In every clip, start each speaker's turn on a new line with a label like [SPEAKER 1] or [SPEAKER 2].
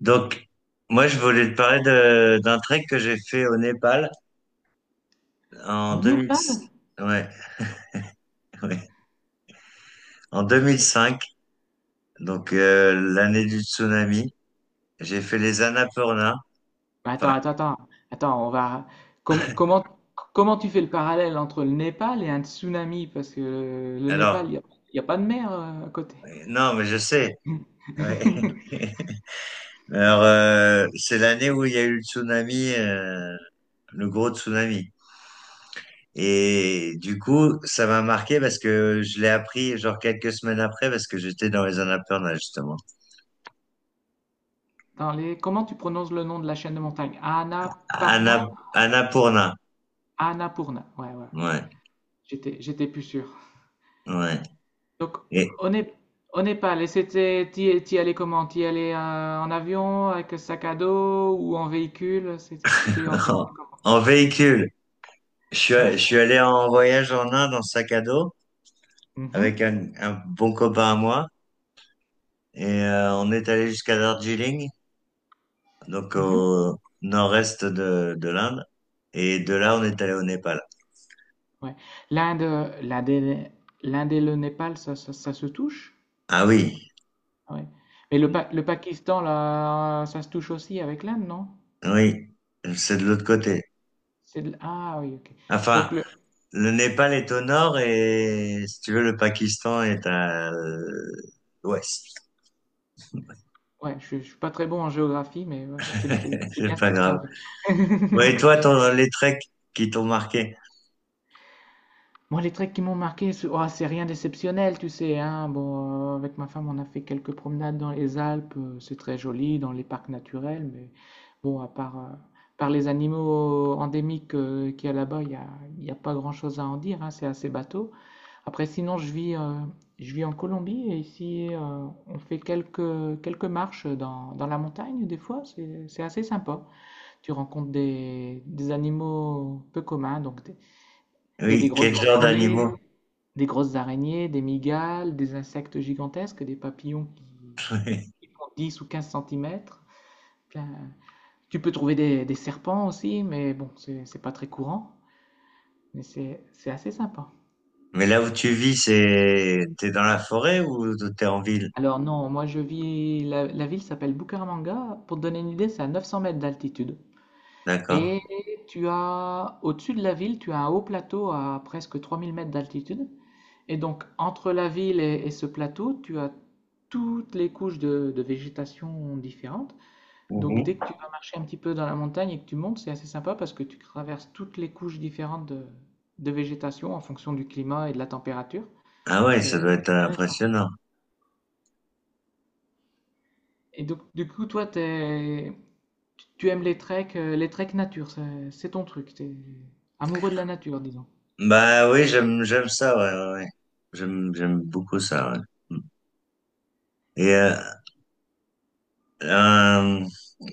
[SPEAKER 1] Donc, moi, je voulais te parler d'un trek que j'ai fait au Népal en
[SPEAKER 2] Au
[SPEAKER 1] 2000,
[SPEAKER 2] Népal?
[SPEAKER 1] ouais, ouais, en 2005 donc l'année du tsunami. J'ai fait les Annapurna. Enfin,
[SPEAKER 2] Attends, attends, attends. Attends, on va. Comment, comment, comment tu fais le parallèle entre le Népal et un tsunami? Parce que le Népal,
[SPEAKER 1] alors,
[SPEAKER 2] il y a pas de mer à côté.
[SPEAKER 1] non, mais je sais. Ouais. Alors, c'est l'année où il y a eu le tsunami, le gros tsunami. Et du coup, ça m'a marqué parce que je l'ai appris genre quelques semaines après parce que j'étais dans les Annapurna, justement.
[SPEAKER 2] Dans les... Comment tu prononces le nom de la chaîne de montagne? Annapurna?
[SPEAKER 1] Anna, Annapurna.
[SPEAKER 2] Annapurna. Ouais, ouais.
[SPEAKER 1] Ouais.
[SPEAKER 2] J'étais plus sûr.
[SPEAKER 1] Ouais.
[SPEAKER 2] Donc,
[SPEAKER 1] Et
[SPEAKER 2] au Nép- au Népal, et c'était, t'y allais comment? T'y allais en avion, avec sac à dos ou en véhicule? C'était
[SPEAKER 1] en,
[SPEAKER 2] organisé comment?
[SPEAKER 1] en véhicule, je suis, je
[SPEAKER 2] Ouais?
[SPEAKER 1] suis allé en voyage en Inde en sac à dos
[SPEAKER 2] Mhm,
[SPEAKER 1] avec un bon copain à moi et on est allé jusqu'à Darjeeling, donc
[SPEAKER 2] mhm.
[SPEAKER 1] au nord-est de l'Inde. Et de là, on est allé au Népal.
[SPEAKER 2] Ouais. L'Inde et l'Inde et le Népal, ça se touche?
[SPEAKER 1] Ah oui,
[SPEAKER 2] Ah ouais. Mais le Pakistan, là, ça se touche aussi avec l'Inde, non?
[SPEAKER 1] oui, c'est de l'autre côté.
[SPEAKER 2] Ah oui, ok. Donc,
[SPEAKER 1] Enfin,
[SPEAKER 2] le...
[SPEAKER 1] le Népal est au nord et si tu veux, le Pakistan est à l'ouest.
[SPEAKER 2] je suis pas très bon en géographie, mais ouais, c'est bien
[SPEAKER 1] C'est
[SPEAKER 2] ce
[SPEAKER 1] pas
[SPEAKER 2] qu'il me
[SPEAKER 1] grave.
[SPEAKER 2] semblait.
[SPEAKER 1] Ouais, et toi, ton, les treks qui t'ont marqué?
[SPEAKER 2] Moi, les trucs qui m'ont marqué, c'est c'est rien d'exceptionnel, tu sais, hein. Bon, avec ma femme, on a fait quelques promenades dans les Alpes, c'est très joli, dans les parcs naturels, mais bon, à part par les animaux endémiques qu'il y a là-bas, il y a pas grand-chose à en dire, hein, c'est assez bateau. Après, sinon, je vis en Colombie, et ici, on fait quelques marches dans, dans la montagne, des fois, c'est assez sympa. Tu rencontres des animaux peu communs, il y a des
[SPEAKER 1] Oui,
[SPEAKER 2] grosses
[SPEAKER 1] quel genre d'animaux?
[SPEAKER 2] araignées, des grosses araignées, des migales, des insectes gigantesques, des papillons qui,
[SPEAKER 1] Mais
[SPEAKER 2] qui font 10 ou 15 centimètres. Plein- Tu peux trouver des serpents aussi, mais bon, c'est pas très courant, mais c'est assez sympa.
[SPEAKER 1] là où tu vis, c'est t'es dans la forêt ou t'es en ville?
[SPEAKER 2] Alors non, moi je vis, la ville s'appelle Bucaramanga, pour te donner une idée, c'est à 900 mètres d'altitude.
[SPEAKER 1] D'accord.
[SPEAKER 2] Et tu as, au-dessus de la ville, tu as un haut plateau à presque 3000 mètres d'altitude. Et donc, entre la ville et ce plateau, tu as toutes les couches de végétation différentes. Donc, dès
[SPEAKER 1] Mhm.
[SPEAKER 2] que tu vas marcher un petit peu dans la montagne et que tu montes, c'est assez sympa parce que tu traverses toutes les couches différentes de végétation en fonction du climat et de la température.
[SPEAKER 1] Ah ouais, ça
[SPEAKER 2] C'est
[SPEAKER 1] doit être
[SPEAKER 2] c'est intéressant.
[SPEAKER 1] impressionnant.
[SPEAKER 2] Et donc, du coup, toi, tu aimes les treks nature, c'est ton truc. T'es amoureux de la nature, disons.
[SPEAKER 1] Bah oui, j'aime ça, ouais, ouais. Ouais. J'aime beaucoup ça. Ouais. Et euh,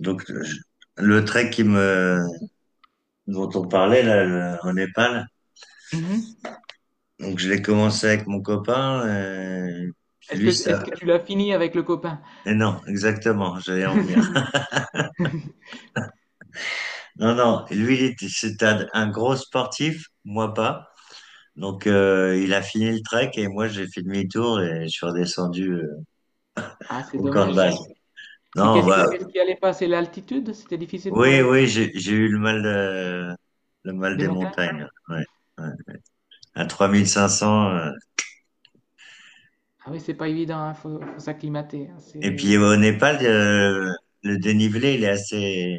[SPEAKER 1] donc je- le trek qui me dont on parlait là au Népal,
[SPEAKER 2] Mhm.
[SPEAKER 1] donc je l'ai commencé avec mon copain.
[SPEAKER 2] Est-ce que,
[SPEAKER 1] Lui ça.
[SPEAKER 2] est-ce que tu l'as fini avec le copain?
[SPEAKER 1] Et non, exactement. J'allais en venir. Non, non, lui, c'était un gros sportif, moi pas. Donc, il a fini le trek et moi, j'ai fait demi-tour et je suis redescendu
[SPEAKER 2] Ah, c'est
[SPEAKER 1] au camp de
[SPEAKER 2] dommage
[SPEAKER 1] base.
[SPEAKER 2] ça. Et
[SPEAKER 1] Non, bah,
[SPEAKER 2] qu'est-ce qui allait pas? C'est l'altitude? C'était difficile pour
[SPEAKER 1] oui, oui,
[SPEAKER 2] l'altitude
[SPEAKER 1] j'ai eu le mal
[SPEAKER 2] des
[SPEAKER 1] des
[SPEAKER 2] montagnes?
[SPEAKER 1] montagnes. Ouais, ouais. À 3500.
[SPEAKER 2] Ah oui, c'est pas évident. Faut s'acclimater, hein,
[SPEAKER 1] Et puis,
[SPEAKER 2] c'est
[SPEAKER 1] au Népal, le dénivelé, il est assez,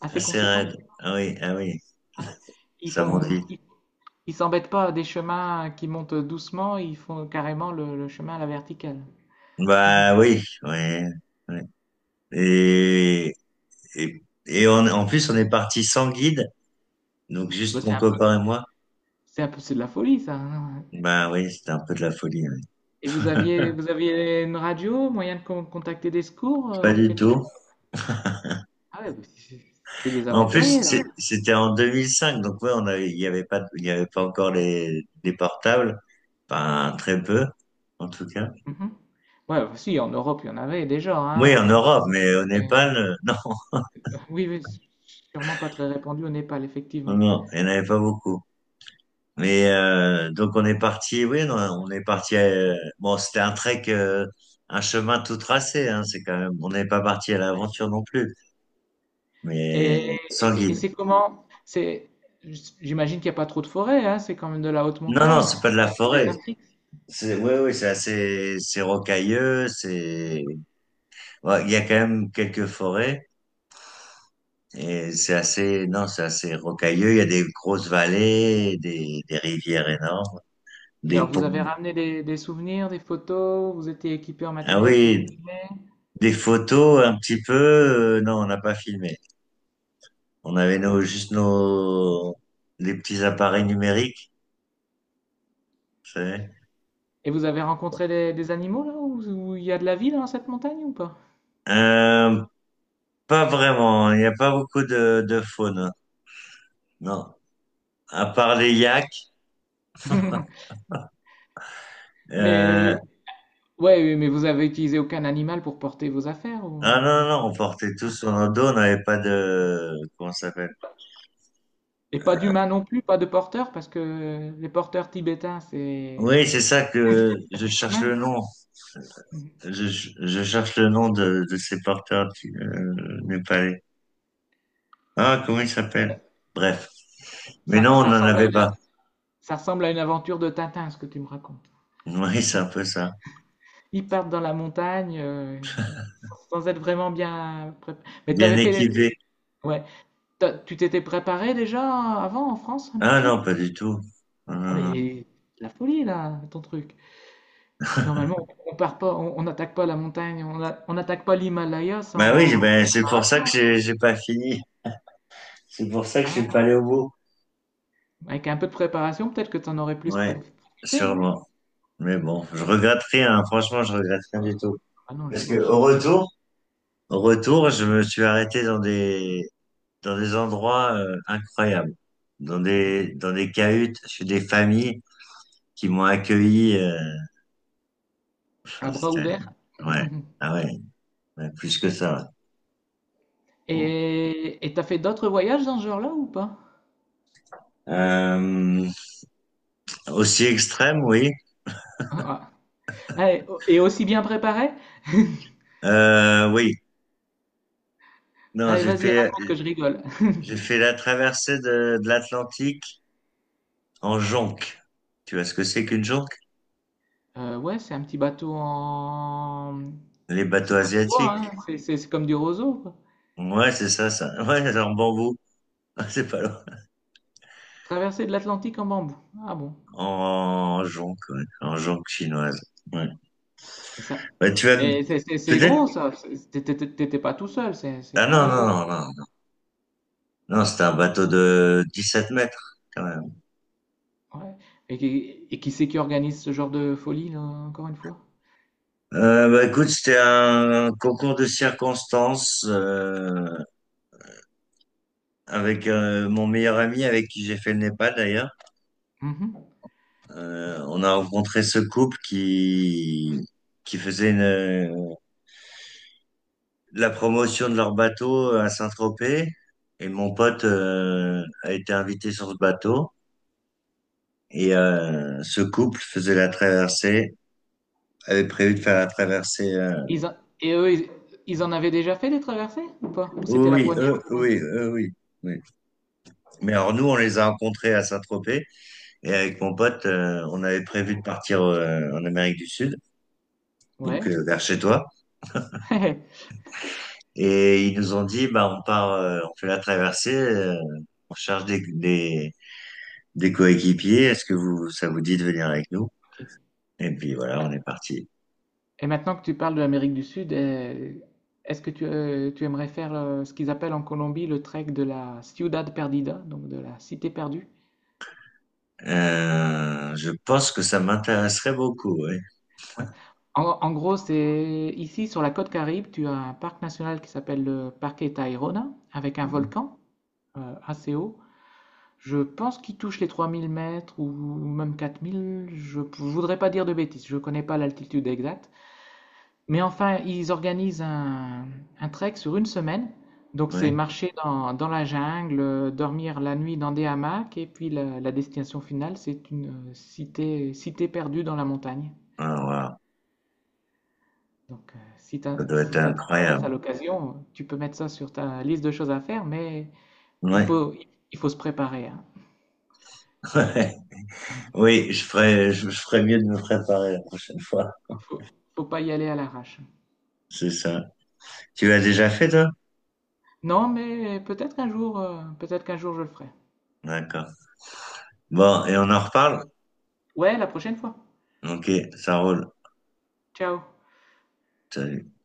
[SPEAKER 2] assez
[SPEAKER 1] assez raide.
[SPEAKER 2] conséquent.
[SPEAKER 1] Ah oui, ah oui,
[SPEAKER 2] Ouais. Ils
[SPEAKER 1] ça monte
[SPEAKER 2] font,
[SPEAKER 1] vite.
[SPEAKER 2] ils, ils s'embêtent pas à des chemins qui montent doucement, ils font carrément le chemin à la verticale.
[SPEAKER 1] Bah oui, ouais, ouais. Et, et, en plus, on est parti sans guide. Donc
[SPEAKER 2] Bon, bah,
[SPEAKER 1] juste mon copain et moi.
[SPEAKER 2] c'est de la folie, ça, hein.
[SPEAKER 1] Bah oui, c'était un peu de la folie. Ouais.
[SPEAKER 2] Et vous aviez une radio, moyen de contacter des secours,
[SPEAKER 1] Pas
[SPEAKER 2] ou
[SPEAKER 1] du
[SPEAKER 2] quelque chose?
[SPEAKER 1] tout.
[SPEAKER 2] Ah ouais, bah, c'est des
[SPEAKER 1] En plus,
[SPEAKER 2] aventuriers là.
[SPEAKER 1] c'était en 2005, donc ouais, on avait, il y avait pas, il y avait pas encore les portables, enfin très peu, en tout cas.
[SPEAKER 2] Mhm. Ouais, bah, si, en Europe, il y en avait déjà,
[SPEAKER 1] Oui,
[SPEAKER 2] hein.
[SPEAKER 1] en Europe, mais au Népal, non,
[SPEAKER 2] Oui, oui, c'est sûrement pas très répandu au Népal,
[SPEAKER 1] non,
[SPEAKER 2] effectivement.
[SPEAKER 1] non, il n'y en avait pas beaucoup. Mais donc on est parti, oui, non, on est parti. Bon, c'était un trek, un chemin tout tracé. Hein, c'est quand même, on n'est pas parti à l'aventure non plus, mais
[SPEAKER 2] Et, et
[SPEAKER 1] sans guide.
[SPEAKER 2] c'est comment? C'est, j'imagine qu'il n'y a pas trop de forêts, hein, c'est quand même de la haute
[SPEAKER 1] Non, non,
[SPEAKER 2] montagne,
[SPEAKER 1] c'est
[SPEAKER 2] c'est
[SPEAKER 1] pas de la
[SPEAKER 2] c'est
[SPEAKER 1] forêt.
[SPEAKER 2] désertique.
[SPEAKER 1] C'est, oui ouais, c'est assez, c'est rocailleux, c'est, ouais, il y a quand même quelques forêts, et c'est assez, non, c'est assez rocailleux, il y a des grosses vallées, des rivières énormes,
[SPEAKER 2] Et alors,
[SPEAKER 1] des
[SPEAKER 2] vous avez
[SPEAKER 1] ponts.
[SPEAKER 2] ramené des souvenirs, des photos, vous étiez équipé en
[SPEAKER 1] Ah
[SPEAKER 2] matériel pour
[SPEAKER 1] oui,
[SPEAKER 2] filmer,
[SPEAKER 1] des photos un petit peu, non, on n'a pas filmé. On avait nos, juste nos, les petits appareils numériques, vous savez.
[SPEAKER 2] et vous avez rencontré des animaux là où où il y a de la vie dans cette montagne ou pas?
[SPEAKER 1] Euh, pas vraiment, il n'y a pas beaucoup de faune, non. À part les yaks, euh,
[SPEAKER 2] Mais, ouais, oui, mais vous avez utilisé aucun animal pour porter vos affaires
[SPEAKER 1] Ah non,
[SPEAKER 2] ou-
[SPEAKER 1] non, non, on portait tout sur nos dos, on n'avait pas de... Comment ça s'appelle?
[SPEAKER 2] Et pas d'humains non plus, pas de porteurs, parce que les porteurs tibétains, c'est
[SPEAKER 1] Oui, c'est ça que je
[SPEAKER 2] assez
[SPEAKER 1] cherche
[SPEAKER 2] commun.
[SPEAKER 1] le nom. Je, je cherche le nom de ces porteurs népalais. Ah, comment ils s'appellent? Bref. Mais
[SPEAKER 2] Ça,
[SPEAKER 1] non, on
[SPEAKER 2] ça
[SPEAKER 1] n'en
[SPEAKER 2] ressemble à
[SPEAKER 1] avait
[SPEAKER 2] une,
[SPEAKER 1] pas.
[SPEAKER 2] ça ressemble à une aventure de Tintin, ce que tu me racontes.
[SPEAKER 1] Oui, c'est un peu ça.
[SPEAKER 2] Ils partent dans la montagne sans- être vraiment bien préparés. Mais
[SPEAKER 1] Bien équipé.
[SPEAKER 2] ouais. Tu t'étais préparé déjà avant en France un petit
[SPEAKER 1] Ah
[SPEAKER 2] peu?
[SPEAKER 1] non, pas du tout. Non,
[SPEAKER 2] Ah
[SPEAKER 1] non, non.
[SPEAKER 2] mais la folie là, ton truc. Normalement, on part pas, on n'attaque pas la montagne, on n'attaque pas l'Himalaya
[SPEAKER 1] Bah oui,
[SPEAKER 2] sans
[SPEAKER 1] ben, c'est pour ça que
[SPEAKER 2] préparation.
[SPEAKER 1] j'ai pas fini. C'est pour ça que je
[SPEAKER 2] Ah
[SPEAKER 1] suis
[SPEAKER 2] ouais.
[SPEAKER 1] pas allé au bout.
[SPEAKER 2] Avec un peu de préparation, peut-être que tu en aurais plus
[SPEAKER 1] Ouais,
[SPEAKER 2] profité, non?
[SPEAKER 1] sûrement. Mais bon, je regrette rien, hein. Franchement, je regrette rien
[SPEAKER 2] Ah
[SPEAKER 1] du tout.
[SPEAKER 2] ah non,
[SPEAKER 1] Parce que au
[SPEAKER 2] j'imagine.
[SPEAKER 1] retour, Retour, je me suis arrêté dans des endroits incroyables,
[SPEAKER 2] Ouais.
[SPEAKER 1] dans des cahutes, chez des familles qui m'ont accueilli.
[SPEAKER 2] À
[SPEAKER 1] Enfin,
[SPEAKER 2] bras
[SPEAKER 1] c'était-
[SPEAKER 2] ouverts.
[SPEAKER 1] ouais, ah ouais, ouais, plus que ça. Ouais. Bon.
[SPEAKER 2] Et t'as fait d'autres voyages dans ce genre-là ou pas?
[SPEAKER 1] Euh, aussi extrême, oui.
[SPEAKER 2] Ah, ah. Ah, et aussi bien préparé?
[SPEAKER 1] Oui, non,
[SPEAKER 2] Allez, vas-y, raconte que je rigole.
[SPEAKER 1] j'ai fait la traversée de l'Atlantique en jonque. Tu vois ce que c'est qu'une jonque?
[SPEAKER 2] Ouais, c'est un petit bateau en...
[SPEAKER 1] Les
[SPEAKER 2] C'est
[SPEAKER 1] bateaux
[SPEAKER 2] pas du bois,
[SPEAKER 1] asiatiques.
[SPEAKER 2] hein, c'est comme du roseau, quoi.
[SPEAKER 1] Ouais, c'est ça, ça. Ouais, en bambou. C'est pas loin.
[SPEAKER 2] Traversée de l'Atlantique en bambou. Ah bon.
[SPEAKER 1] En jonque, ouais. En jonque chinoise. Ouais.
[SPEAKER 2] Et ça...
[SPEAKER 1] Bah, tu vas me-
[SPEAKER 2] Mais c'est
[SPEAKER 1] peut-être.
[SPEAKER 2] gros, ça. T'étais pas tout seul, c'est
[SPEAKER 1] Ah
[SPEAKER 2] quand
[SPEAKER 1] non,
[SPEAKER 2] même
[SPEAKER 1] non,
[SPEAKER 2] gros.
[SPEAKER 1] non, non. Non, Non, c'était un bateau de 17 mètres, quand même.
[SPEAKER 2] Ouais. Et, qui et qui c'est qui organise ce genre de folie, là, encore une fois?
[SPEAKER 1] Bah, écoute, c'était un concours de circonstances avec mon meilleur ami avec qui j'ai fait le Népal d'ailleurs.
[SPEAKER 2] Mhm.
[SPEAKER 1] On a rencontré ce couple qui la promotion de leur bateau à Saint-Tropez et mon pote a été invité sur ce bateau. Et ce couple faisait la traversée, avait prévu de faire la traversée.
[SPEAKER 2] Ils en- Et eux, ils... ils en avaient déjà fait des traversées ou pas? Ou c'était la
[SPEAKER 1] Oui, oui,
[SPEAKER 2] première
[SPEAKER 1] eux,
[SPEAKER 2] pour eux?
[SPEAKER 1] oui, eux, oui, oui. Mais alors nous, on les a rencontrés à Saint-Tropez et avec mon pote, on avait prévu de partir en Amérique du Sud, donc
[SPEAKER 2] Ouais.
[SPEAKER 1] vers chez toi. Et ils nous ont dit, bah on part, on fait la traversée, on cherche des coéquipiers. Est-ce que vous, ça vous dit de venir avec nous?
[SPEAKER 2] Ok.
[SPEAKER 1] Et puis voilà, on est parti.
[SPEAKER 2] Et maintenant que tu parles de l'Amérique du Sud, est-ce que tu aimerais faire ce qu'ils appellent en Colombie le trek de la Ciudad Perdida, donc de la cité perdue?
[SPEAKER 1] Je pense que ça m'intéresserait beaucoup,
[SPEAKER 2] Ouais. En gros, c'est ici sur la côte Caraïbe, tu as un parc national qui s'appelle le Parque Tayrona, avec un volcan assez haut. Je pense qu'il touche les 3000 mètres ou même 4000. Je ne voudrais pas dire de bêtises, je ne connais pas l'altitude exacte. Mais enfin, ils organisent un trek sur une semaine. Donc c'est
[SPEAKER 1] oui.
[SPEAKER 2] marcher dans la jungle, dormir la nuit dans des hamacs, et puis la destination finale, c'est une cité perdue dans la montagne.
[SPEAKER 1] Ah, waouh,
[SPEAKER 2] Donc
[SPEAKER 1] ça doit être
[SPEAKER 2] si ça t'intéresse
[SPEAKER 1] incroyable.
[SPEAKER 2] à l'occasion, tu peux mettre ça sur ta liste de choses à faire, mais il
[SPEAKER 1] Ouais.
[SPEAKER 2] faut, il faut se préparer, hein.
[SPEAKER 1] Ouais. Oui, je ferais mieux de me préparer la prochaine fois.
[SPEAKER 2] Faut, faut pas y aller à l'arrache.
[SPEAKER 1] C'est ça. Tu l'as déjà fait, toi?
[SPEAKER 2] Non, mais peut-être qu'un jour je le ferai.
[SPEAKER 1] D'accord. Bon, et on en reparle?
[SPEAKER 2] Ouais, la prochaine fois.
[SPEAKER 1] Ok, ça roule.
[SPEAKER 2] Ciao.
[SPEAKER 1] Salut.